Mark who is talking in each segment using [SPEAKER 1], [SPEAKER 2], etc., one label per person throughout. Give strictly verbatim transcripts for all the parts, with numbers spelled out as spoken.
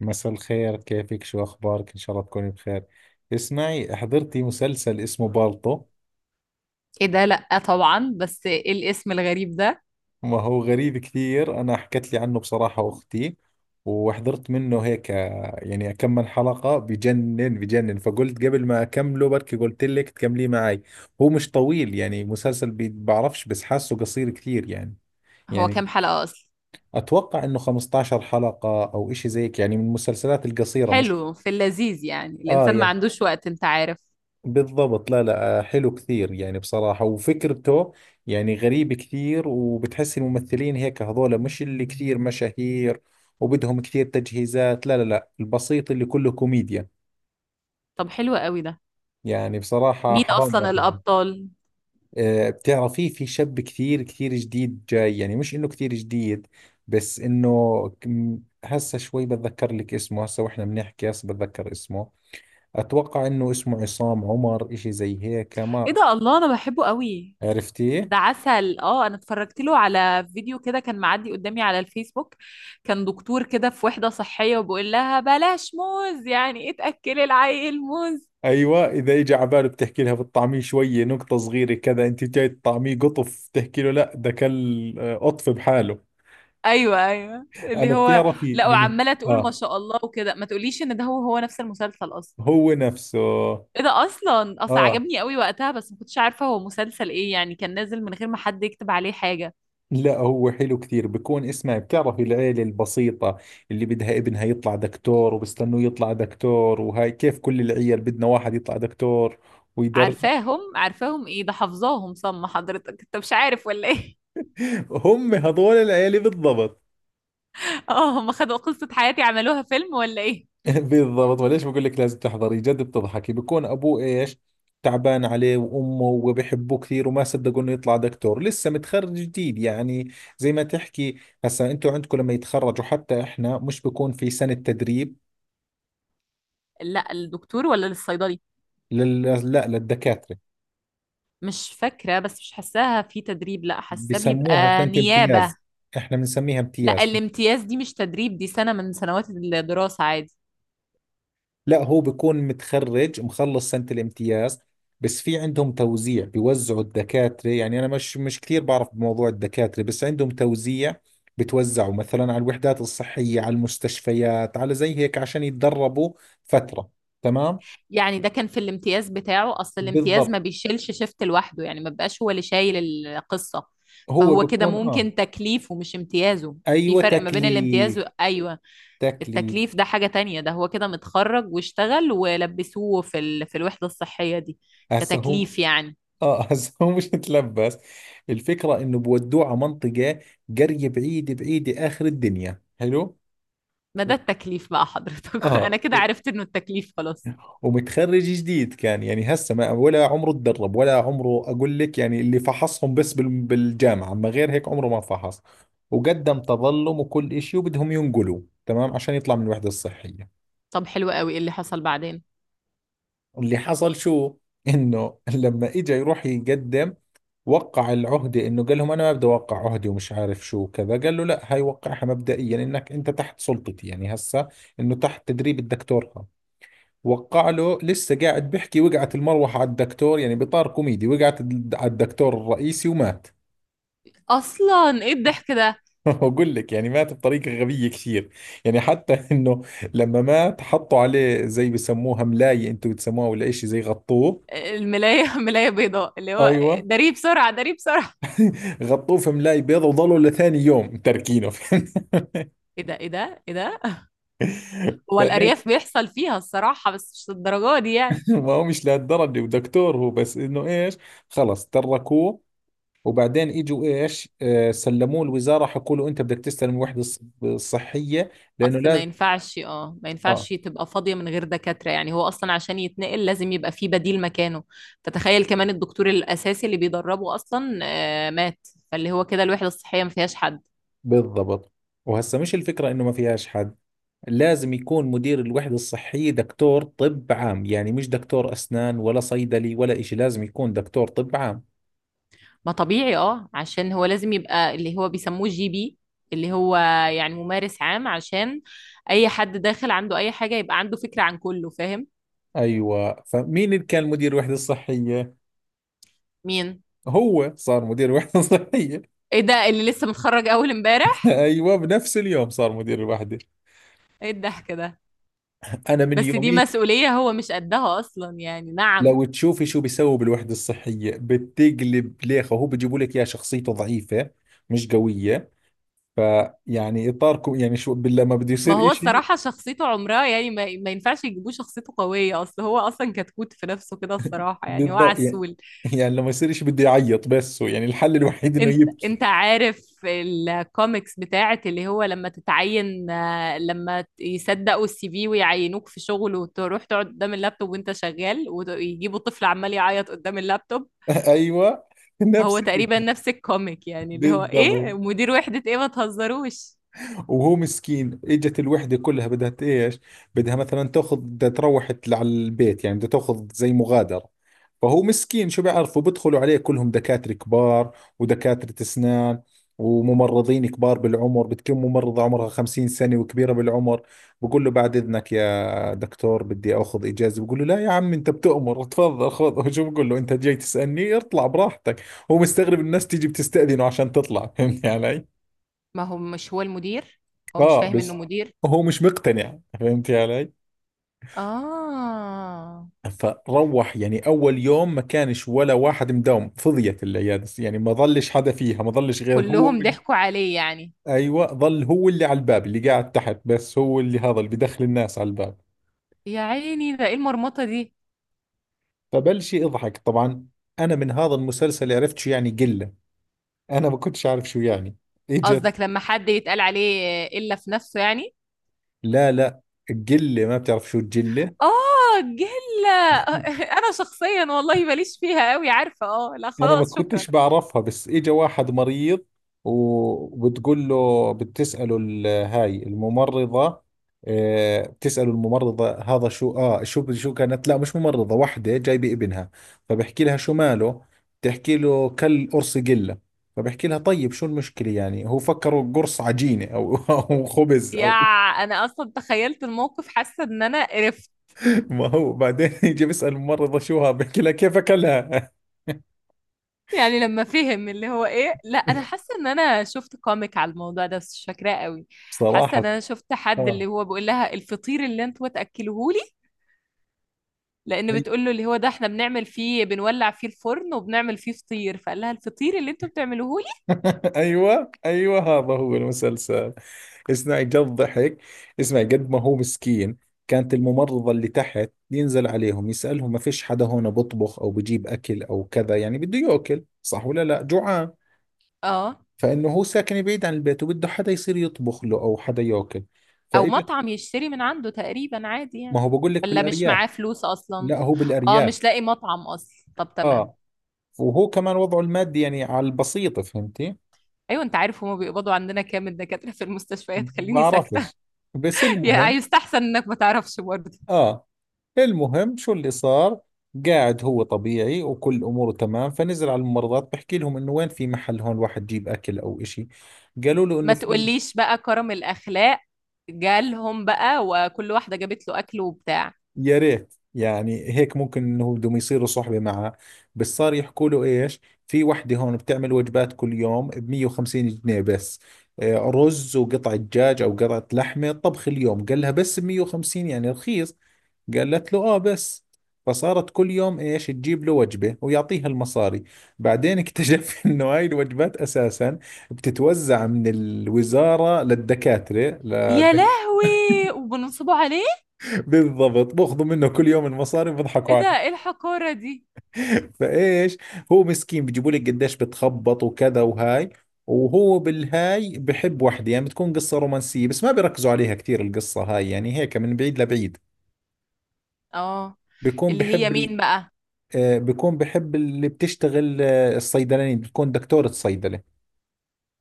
[SPEAKER 1] مساء الخير، كيفك؟ شو أخبارك؟ إن شاء الله تكوني بخير. اسمعي حضرتي، مسلسل اسمه بالطو.
[SPEAKER 2] ايه ده؟ لأ طبعا، بس ايه الاسم الغريب ده؟
[SPEAKER 1] ما هو غريب كثير. أنا حكت لي عنه بصراحة أختي وحضرت منه هيك، آه، يعني كم من حلقة، بجنن بجنن، فقلت قبل ما أكمله بركي قلت لك تكمليه معي. هو مش طويل، يعني مسلسل بي- بعرفش، بس حاسه قصير كثير يعني.
[SPEAKER 2] هو
[SPEAKER 1] يعني
[SPEAKER 2] كام حلقة اصلا؟
[SPEAKER 1] أتوقع إنه خمس عشرة حلقة أو إشي زيك، يعني من المسلسلات القصيرة مش؟
[SPEAKER 2] حلو، في اللذيذ، يعني
[SPEAKER 1] آه
[SPEAKER 2] الانسان ما
[SPEAKER 1] يعني.
[SPEAKER 2] عندوش وقت، انت عارف.
[SPEAKER 1] بالضبط، لا لا آه، حلو كثير يعني بصراحة. وفكرته يعني غريب كثير، وبتحس الممثلين هيك هذول مش اللي كثير مشاهير وبدهم كثير تجهيزات، لا لا لا، البسيط اللي كله كوميديا.
[SPEAKER 2] طب حلو قوي ده.
[SPEAKER 1] يعني بصراحة
[SPEAKER 2] مين
[SPEAKER 1] حرام
[SPEAKER 2] اصلا
[SPEAKER 1] ما فيلم.
[SPEAKER 2] الابطال؟
[SPEAKER 1] آه، بتعرفي في شاب كثير كثير جديد جاي، يعني مش انه كثير جديد بس انه كم- هسه شوي بتذكر لك اسمه، هسه واحنا بنحكي هسه بتذكر اسمه. اتوقع انه اسمه عصام عمر، اشي زي هيك.
[SPEAKER 2] ايه
[SPEAKER 1] ما
[SPEAKER 2] ده! الله، انا بحبه قوي.
[SPEAKER 1] عرفتيه؟
[SPEAKER 2] ده عسل. اه، انا اتفرجت له على فيديو كده كان معدي قدامي على الفيسبوك. كان دكتور كده في وحدة صحية وبيقول لها بلاش موز، يعني ايه تأكلي العيل موز؟
[SPEAKER 1] ايوه. اذا اجى على باله بتحكي لها بتطعميه شويه نقطه صغيره كذا، انت جاي تطعميه قطف، تحكي له لا ده كل آه، قطف بحاله.
[SPEAKER 2] ايوه، ايوه، اللي
[SPEAKER 1] انا
[SPEAKER 2] هو.
[SPEAKER 1] بتعرفي
[SPEAKER 2] لا،
[SPEAKER 1] من.
[SPEAKER 2] وعماله تقول ما
[SPEAKER 1] اه
[SPEAKER 2] شاء الله وكده. ما تقوليش ان ده هو هو نفس المسلسل اصلا؟
[SPEAKER 1] هو نفسه.
[SPEAKER 2] ايه ده! اصلا اصلا
[SPEAKER 1] اه.
[SPEAKER 2] عجبني قوي وقتها، بس ما كنتش عارفه هو مسلسل ايه، يعني كان نازل من غير ما حد يكتب عليه حاجه.
[SPEAKER 1] لا هو حلو كثير بكون. اسمعي، بتعرفي العيلة البسيطة اللي بدها ابنها يطلع دكتور، وبستنوه يطلع دكتور، وهاي كيف كل العيال بدنا واحد يطلع دكتور ويدرب.
[SPEAKER 2] عارفاهم عارفاهم، ايه ده، حافظاهم صم. حضرتك انت مش عارف ولا ايه؟
[SPEAKER 1] هم هذول العيلة بالضبط.
[SPEAKER 2] اه، هم خدوا قصه حياتي عملوها فيلم ولا ايه؟
[SPEAKER 1] بالضبط. وليش بقول لك لازم تحضري؟ جد بتضحكي. بكون ابوه ايش، تعبان عليه، وامه، وبحبوه كثير، وما صدقوا انه يطلع دكتور. لسه متخرج جديد يعني، زي ما تحكي. هسا انتوا عندكم لما يتخرجوا، حتى احنا، مش بكون في سنة تدريب؟
[SPEAKER 2] لا الدكتور ولا للصيدلي؟
[SPEAKER 1] لل... لا للدكاترة.
[SPEAKER 2] مش فاكره، بس مش حاساها في تدريب، لا حاساه
[SPEAKER 1] بسموها
[SPEAKER 2] بيبقى
[SPEAKER 1] سنة
[SPEAKER 2] نيابه.
[SPEAKER 1] امتياز، احنا بنسميها
[SPEAKER 2] لا،
[SPEAKER 1] امتياز.
[SPEAKER 2] الامتياز دي مش تدريب، دي سنه من سنوات الدراسه عادي.
[SPEAKER 1] لا هو بيكون متخرج، مخلص سنة الامتياز، بس في عندهم توزيع، بيوزعوا الدكاترة. يعني أنا مش مش كثير بعرف بموضوع الدكاترة، بس عندهم توزيع. بتوزعوا مثلا على الوحدات الصحية، على المستشفيات، على زي هيك عشان يتدربوا فترة. تمام.
[SPEAKER 2] يعني ده كان في الامتياز بتاعه، اصل الامتياز
[SPEAKER 1] بالضبط،
[SPEAKER 2] ما بيشيلش شيفت لوحده، يعني ما بيبقاش هو اللي شايل القصة.
[SPEAKER 1] هو
[SPEAKER 2] فهو كده
[SPEAKER 1] بيكون آه.
[SPEAKER 2] ممكن تكليفه مش امتيازه. في
[SPEAKER 1] أيوة،
[SPEAKER 2] فرق ما بين
[SPEAKER 1] تكليف.
[SPEAKER 2] الامتياز و... ايوه.
[SPEAKER 1] تكليف.
[SPEAKER 2] التكليف ده حاجة تانية، ده هو كده متخرج واشتغل ولبسوه في ال... في الوحدة الصحية دي
[SPEAKER 1] هسه هو
[SPEAKER 2] كتكليف يعني.
[SPEAKER 1] آه. هسه هو مش متلبس. الفكرة إنه بودوه على منطقة، قرية بعيدة بعيدة آخر الدنيا. حلو.
[SPEAKER 2] ما ده التكليف بقى حضرتك.
[SPEAKER 1] اه.
[SPEAKER 2] انا كده عرفت انه التكليف خلاص.
[SPEAKER 1] ومتخرج جديد كان، يعني هسه ما ولا عمره تدرب، ولا عمره اقول لك يعني، اللي فحصهم بس بال- بالجامعه، اما غير هيك عمره ما فحص. وقدم تظلم وكل إشي، وبدهم ينقلوا. تمام، عشان يطلع من الوحده الصحيه.
[SPEAKER 2] طب حلو قوي. ايه اللي حصل بعدين؟
[SPEAKER 1] اللي حصل شو، انه لما اجى يروح يقدم وقع العهده، انه قال لهم انا ما بدي اوقع عهدي ومش عارف شو كذا. قال له لا هاي وقعها مبدئيا، انك انت تحت سلطتي. يعني هسه انه تحت تدريب الدكتور. وقع له، لسه قاعد بحكي، وقعت المروحة على الدكتور. يعني بإطار كوميدي، وقعت الد- على الدكتور الرئيسي ومات.
[SPEAKER 2] اصلا ايه الضحك ده؟
[SPEAKER 1] بقول لك، يعني مات بطريقة غبية كثير. يعني حتى انه لما مات حطوا عليه زي بسموها ملاية، انتم بتسموها ولا اشي، زي غطوه.
[SPEAKER 2] الملاية. ملاية بيضاء، اللي هو
[SPEAKER 1] ايوه،
[SPEAKER 2] داريه بسرعة داريه بسرعة.
[SPEAKER 1] غطوه في ملاي بيضة وظلوا لثاني يوم تركينه.
[SPEAKER 2] ايه ده! ايه ده! ايه ده! هو
[SPEAKER 1] فايه.
[SPEAKER 2] الأرياف بيحصل فيها الصراحة، بس مش للدرجة دي يعني.
[SPEAKER 1] ما هو مش لهالدرجة، ودكتور هو، بس انه ايش، خلص تركوه. وبعدين اجوا ايش آه سلموه الوزاره، حكوا له انت بدك تستلم الوحده الص- الصحيه، لانه
[SPEAKER 2] أصل ما
[SPEAKER 1] لازم.
[SPEAKER 2] ينفعش اه ما
[SPEAKER 1] اه.
[SPEAKER 2] ينفعش تبقى فاضية من غير دكاترة، يعني هو أصلا عشان يتنقل لازم يبقى فيه بديل مكانه. فتخيل كمان الدكتور الأساسي اللي بيدربه أصلا آه، مات. فاللي هو كده الوحدة الصحية ما فيهاش حد.
[SPEAKER 1] بالضبط. وهسه مش الفكره انه ما فيهاش حد، لازم يكون مدير الوحده الصحيه دكتور طب عام، يعني مش دكتور اسنان ولا صيدلي ولا إشي، لازم يكون دكتور طب عام.
[SPEAKER 2] ما طبيعي، اه، عشان هو لازم يبقى اللي هو بيسموه جي بي، اللي هو يعني ممارس عام، عشان أي حد داخل عنده أي حاجة يبقى عنده فكرة عن كله. فاهم؟
[SPEAKER 1] ايوه، فمين اللي كان مدير الوحده الصحيه؟
[SPEAKER 2] مين؟
[SPEAKER 1] هو صار مدير الوحده الصحيه.
[SPEAKER 2] ايه ده! اللي لسه متخرج أول امبارح؟
[SPEAKER 1] ايوه، بنفس اليوم صار مدير الوحده.
[SPEAKER 2] ايه الضحك ده؟
[SPEAKER 1] انا من
[SPEAKER 2] بس دي
[SPEAKER 1] يوميها.
[SPEAKER 2] مسؤولية هو مش قدها أصلا يعني. نعم.
[SPEAKER 1] لو تشوفي شو بيسووا بالوحدة الصحية بتقلب ليخة. هو بيجيبوا لك يا شخصيته ضعيفة، مش قوية. فيعني إطاركم يعني شو بال- لما بده
[SPEAKER 2] ما
[SPEAKER 1] يصير
[SPEAKER 2] هو
[SPEAKER 1] إشي.
[SPEAKER 2] الصراحة شخصيته عمرها يعني، ما, ما ينفعش يجيبوه شخصيته قوية، أصل هو أصلا كتكوت في نفسه كده الصراحة، يعني هو
[SPEAKER 1] بالضبط يعني،
[SPEAKER 2] عسول.
[SPEAKER 1] يعني لما يصير إشي بده يعيط، بس هو يعني الحل الوحيد إنه
[SPEAKER 2] أنت
[SPEAKER 1] يبكي.
[SPEAKER 2] أنت عارف الكوميكس بتاعت اللي هو لما تتعين، آه، لما ت- يصدقوا السي في ويعينوك في شغل، وتروح تقعد قدام اللابتوب وأنت شغال، ويجيبوا طفل عمال يعيط قدام اللابتوب.
[SPEAKER 1] أيوة،
[SPEAKER 2] هو
[SPEAKER 1] نفس
[SPEAKER 2] تقريبا
[SPEAKER 1] الإشي.
[SPEAKER 2] نفس الكوميك، يعني اللي هو إيه،
[SPEAKER 1] بالضبط.
[SPEAKER 2] مدير وحدة، إيه ما تهزروش.
[SPEAKER 1] وهو مسكين اجت الوحده كلها بدها ت- ايش، بدها مثلا تاخذ، بدها تروح تل- على البيت، يعني بدها تاخذ زي مغادره. فهو مسكين شو بيعرفوا، بدخلوا عليه كلهم دكاتره كبار ودكاتره اسنان وممرضين كبار بالعمر. بتكون ممرضة عمرها خمسين سنة وكبيرة بالعمر، بقول له بعد إذنك يا دكتور بدي أخذ إجازة. بقول له لا يا عم، أنت بتؤمر، تفضل خذ. شو بقول له أنت جاي تسألني؟ اطلع براحتك. هو مستغرب الناس تيجي بتستأذنه عشان تطلع. فهمت علي؟
[SPEAKER 2] ما هو مش هو المدير. هو مش
[SPEAKER 1] اه
[SPEAKER 2] فاهم انه
[SPEAKER 1] بس
[SPEAKER 2] مدير.
[SPEAKER 1] هو مش مقتنع. فهمتي علي؟
[SPEAKER 2] اه،
[SPEAKER 1] فروح، يعني اول يوم ما كانش ولا واحد مداوم، فضيت العياده يعني، ما ظلش حدا فيها، ما ظلش غير هو
[SPEAKER 2] كلهم
[SPEAKER 1] وال-
[SPEAKER 2] ضحكوا عليه يعني.
[SPEAKER 1] ايوه. ظل هو اللي على الباب، اللي قاعد تحت، بس هو اللي هذا اللي بدخل الناس على الباب.
[SPEAKER 2] يا عيني، ده ايه المرمطة دي؟
[SPEAKER 1] فبلش يضحك طبعا. انا من هذا المسلسل عرفت شو يعني قله، انا ما كنتش عارف شو يعني اجت.
[SPEAKER 2] قصدك لما حد يتقال عليه الا في نفسه يعني؟
[SPEAKER 1] لا لا، قله. ما بتعرف شو الجله؟
[SPEAKER 2] اه، جلة. انا شخصيا والله ماليش فيها قوي، عارفة. اه، لا
[SPEAKER 1] انا ما
[SPEAKER 2] خلاص شكرا.
[SPEAKER 1] كنتش بعرفها، بس اجى واحد مريض، وبتقول له بتسأله ال- هاي الممرضة، آه، بتسأله الممرضة هذا شو، اه شو شو كانت، لا مش ممرضة، وحدة جايبة ابنها، فبحكي لها شو ماله، بتحكي له كل قرص قلة. فبحكي لها طيب شو المشكلة، يعني هو فكره قرص عجينة أو أو خبز
[SPEAKER 2] يا،
[SPEAKER 1] أو.
[SPEAKER 2] انا اصلا تخيلت الموقف، حاسة ان انا.
[SPEAKER 1] ما هو بعدين يجي بيسأل الممرضة شو ها، بحكي لها كيف أكلها.
[SPEAKER 2] يعني لما فهم اللي هو ايه. لا، انا حاسه ان انا شفت كوميك على الموضوع ده، بس مش فاكراه قوي. حاسه ان
[SPEAKER 1] صراحة.
[SPEAKER 2] انا شفت حد
[SPEAKER 1] اه.
[SPEAKER 2] اللي هو بيقول لها الفطير اللي انتوا تاكلوهولي. لان بتقول له اللي هو ده احنا بنعمل فيه، بنولع فيه الفرن وبنعمل فيه فطير، فقال لها الفطير اللي انتوا بتعملوهولي.
[SPEAKER 1] ايوه ايوه هذا هو المسلسل. اسمعي جد ضحك. اسمعي قد ما هو مسكين. كانت الممرضة اللي تحت، ينزل عليهم يسألهم ما فيش حدا هون بطبخ او بجيب اكل او كذا، يعني بده ياكل صح ولا لا جوعان.
[SPEAKER 2] اه.
[SPEAKER 1] فانه هو ساكن بعيد عن البيت، وبده حدا يصير يطبخ له او حدا ياكل.
[SPEAKER 2] او
[SPEAKER 1] فاجت.
[SPEAKER 2] مطعم يشتري من عنده تقريبا عادي
[SPEAKER 1] ما
[SPEAKER 2] يعني.
[SPEAKER 1] هو بقول لك
[SPEAKER 2] ولا مش
[SPEAKER 1] بالارياف.
[SPEAKER 2] معاه فلوس اصلا؟
[SPEAKER 1] لا هو
[SPEAKER 2] اه،
[SPEAKER 1] بالارياف.
[SPEAKER 2] مش لاقي مطعم اصلا، طب تمام.
[SPEAKER 1] اه. وهو كمان وضعه المادي يعني على البسيطة، فهمتي.
[SPEAKER 2] ايوه. انت عارف هما بيقبضوا عندنا كام الدكاتره في المستشفيات؟ خليني ساكته.
[SPEAKER 1] بعرفش، بس
[SPEAKER 2] يعني
[SPEAKER 1] المهم.
[SPEAKER 2] يستحسن انك ما تعرفش برضه.
[SPEAKER 1] اه. المهم شو اللي صار. قاعد هو طبيعي وكل اموره تمام، فنزل على الممرضات بحكي لهم انه وين في محل هون واحد يجيب اكل او اشي. قالوا له
[SPEAKER 2] ما
[SPEAKER 1] انه في.
[SPEAKER 2] تقوليش بقى، كرم الأخلاق. جالهم بقى وكل واحدة جابت له أكل وبتاع.
[SPEAKER 1] يا ريت، يعني هيك ممكن انه بدهم يصيروا صحبة معه، بس صار يحكوا له ايش، في وحدة هون بتعمل وجبات كل يوم ب مية وخمسين جنيه بس، آه، رز وقطعة دجاج او قطعة لحمة طبخ اليوم. قال لها بس ب مية وخمسين يعني رخيص. قالت له اه بس. فصارت كل يوم ايش، تجيب له وجبة ويعطيها المصاري. بعدين اكتشف انه هاي الوجبات اساسا بتتوزع من الوزارة للدكاترة
[SPEAKER 2] يا
[SPEAKER 1] ل...
[SPEAKER 2] لهوي. وبنصبوا عليه؟
[SPEAKER 1] بالضبط، باخذوا منه كل يوم المصاري وبضحكوا
[SPEAKER 2] ايه ده! ايه
[SPEAKER 1] عليه.
[SPEAKER 2] الحقارة دي!
[SPEAKER 1] فايش، هو مسكين بيجيبوا لك قديش بتخبط وكذا. وهاي، وهو بالهاي بحب وحده، يعني بتكون قصة رومانسية بس ما بيركزوا عليها كثير القصة هاي، يعني هيك من بعيد لبعيد.
[SPEAKER 2] اه.
[SPEAKER 1] بيكون
[SPEAKER 2] اللي هي
[SPEAKER 1] بحب ال...
[SPEAKER 2] مين بقى؟
[SPEAKER 1] آه، بيكون بحب اللي بتشتغل آه، الصيدلانية، بتكون دكتورة صيدلة.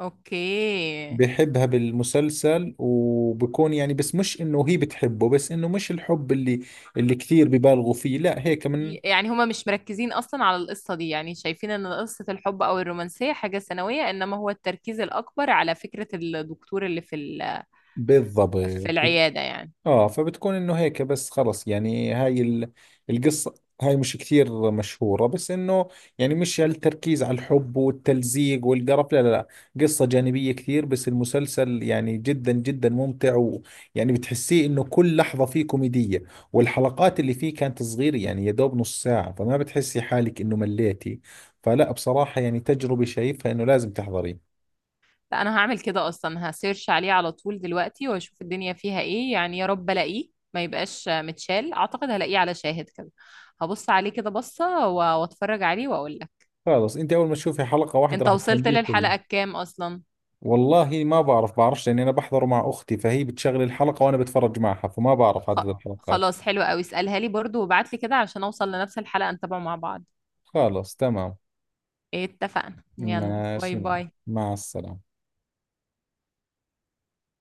[SPEAKER 2] اوكي.
[SPEAKER 1] بحبها بالمسلسل، وبكون يعني، بس مش انه هي بتحبه، بس انه مش الحب اللي، اللي كثير ببالغوا فيه، لا هيك من.
[SPEAKER 2] يعني هما مش مركزين أصلا على القصة دي، يعني شايفين إن قصة الحب أو الرومانسية حاجة ثانوية، إنما هو التركيز الأكبر على فكرة الدكتور اللي في ال-
[SPEAKER 1] بالضبط.
[SPEAKER 2] في العيادة يعني.
[SPEAKER 1] اه. فبتكون انه هيك بس، خلص. يعني هاي ال- القصة هاي مش كثير مشهورة، بس انه يعني مش هالتركيز على الحب والتلزيق والقرف، لا لا لا. قصة جانبية كثير، بس المسلسل يعني جدا جدا ممتع، ويعني بتحسيه انه كل لحظة فيه كوميدية. والحلقات اللي فيه كانت صغيرة، يعني يا دوب نص ساعة، فما بتحسي حالك انه مليتي. فلا بصراحة، يعني تجربة شايفها انه لازم تحضريه.
[SPEAKER 2] لا، انا هعمل كده اصلا، هسيرش عليه على طول دلوقتي واشوف الدنيا فيها ايه، يعني يا رب الاقيه ما يبقاش متشال، اعتقد هلاقيه على شاهد كده. هبص عليه كده بصة و- واتفرج عليه واقول لك.
[SPEAKER 1] خلص، انت اول ما تشوفي حلقة واحدة
[SPEAKER 2] انت
[SPEAKER 1] راح
[SPEAKER 2] وصلت
[SPEAKER 1] تكمليه كله.
[SPEAKER 2] للحلقة الكام اصلا؟
[SPEAKER 1] والله ما بعرف، بعرفش لاني انا بحضره مع اختي، فهي بتشغل الحلقة وانا بتفرج معها، فما بعرف
[SPEAKER 2] خ...
[SPEAKER 1] عدد الحلقات.
[SPEAKER 2] خلاص حلو قوي، اسألها لي برضو وابعت لي كده عشان اوصل لنفس الحلقة نتابعه مع بعض.
[SPEAKER 1] خلاص تمام.
[SPEAKER 2] اتفقنا، يلا باي
[SPEAKER 1] ماشي، معك
[SPEAKER 2] باي.
[SPEAKER 1] مع السلامة.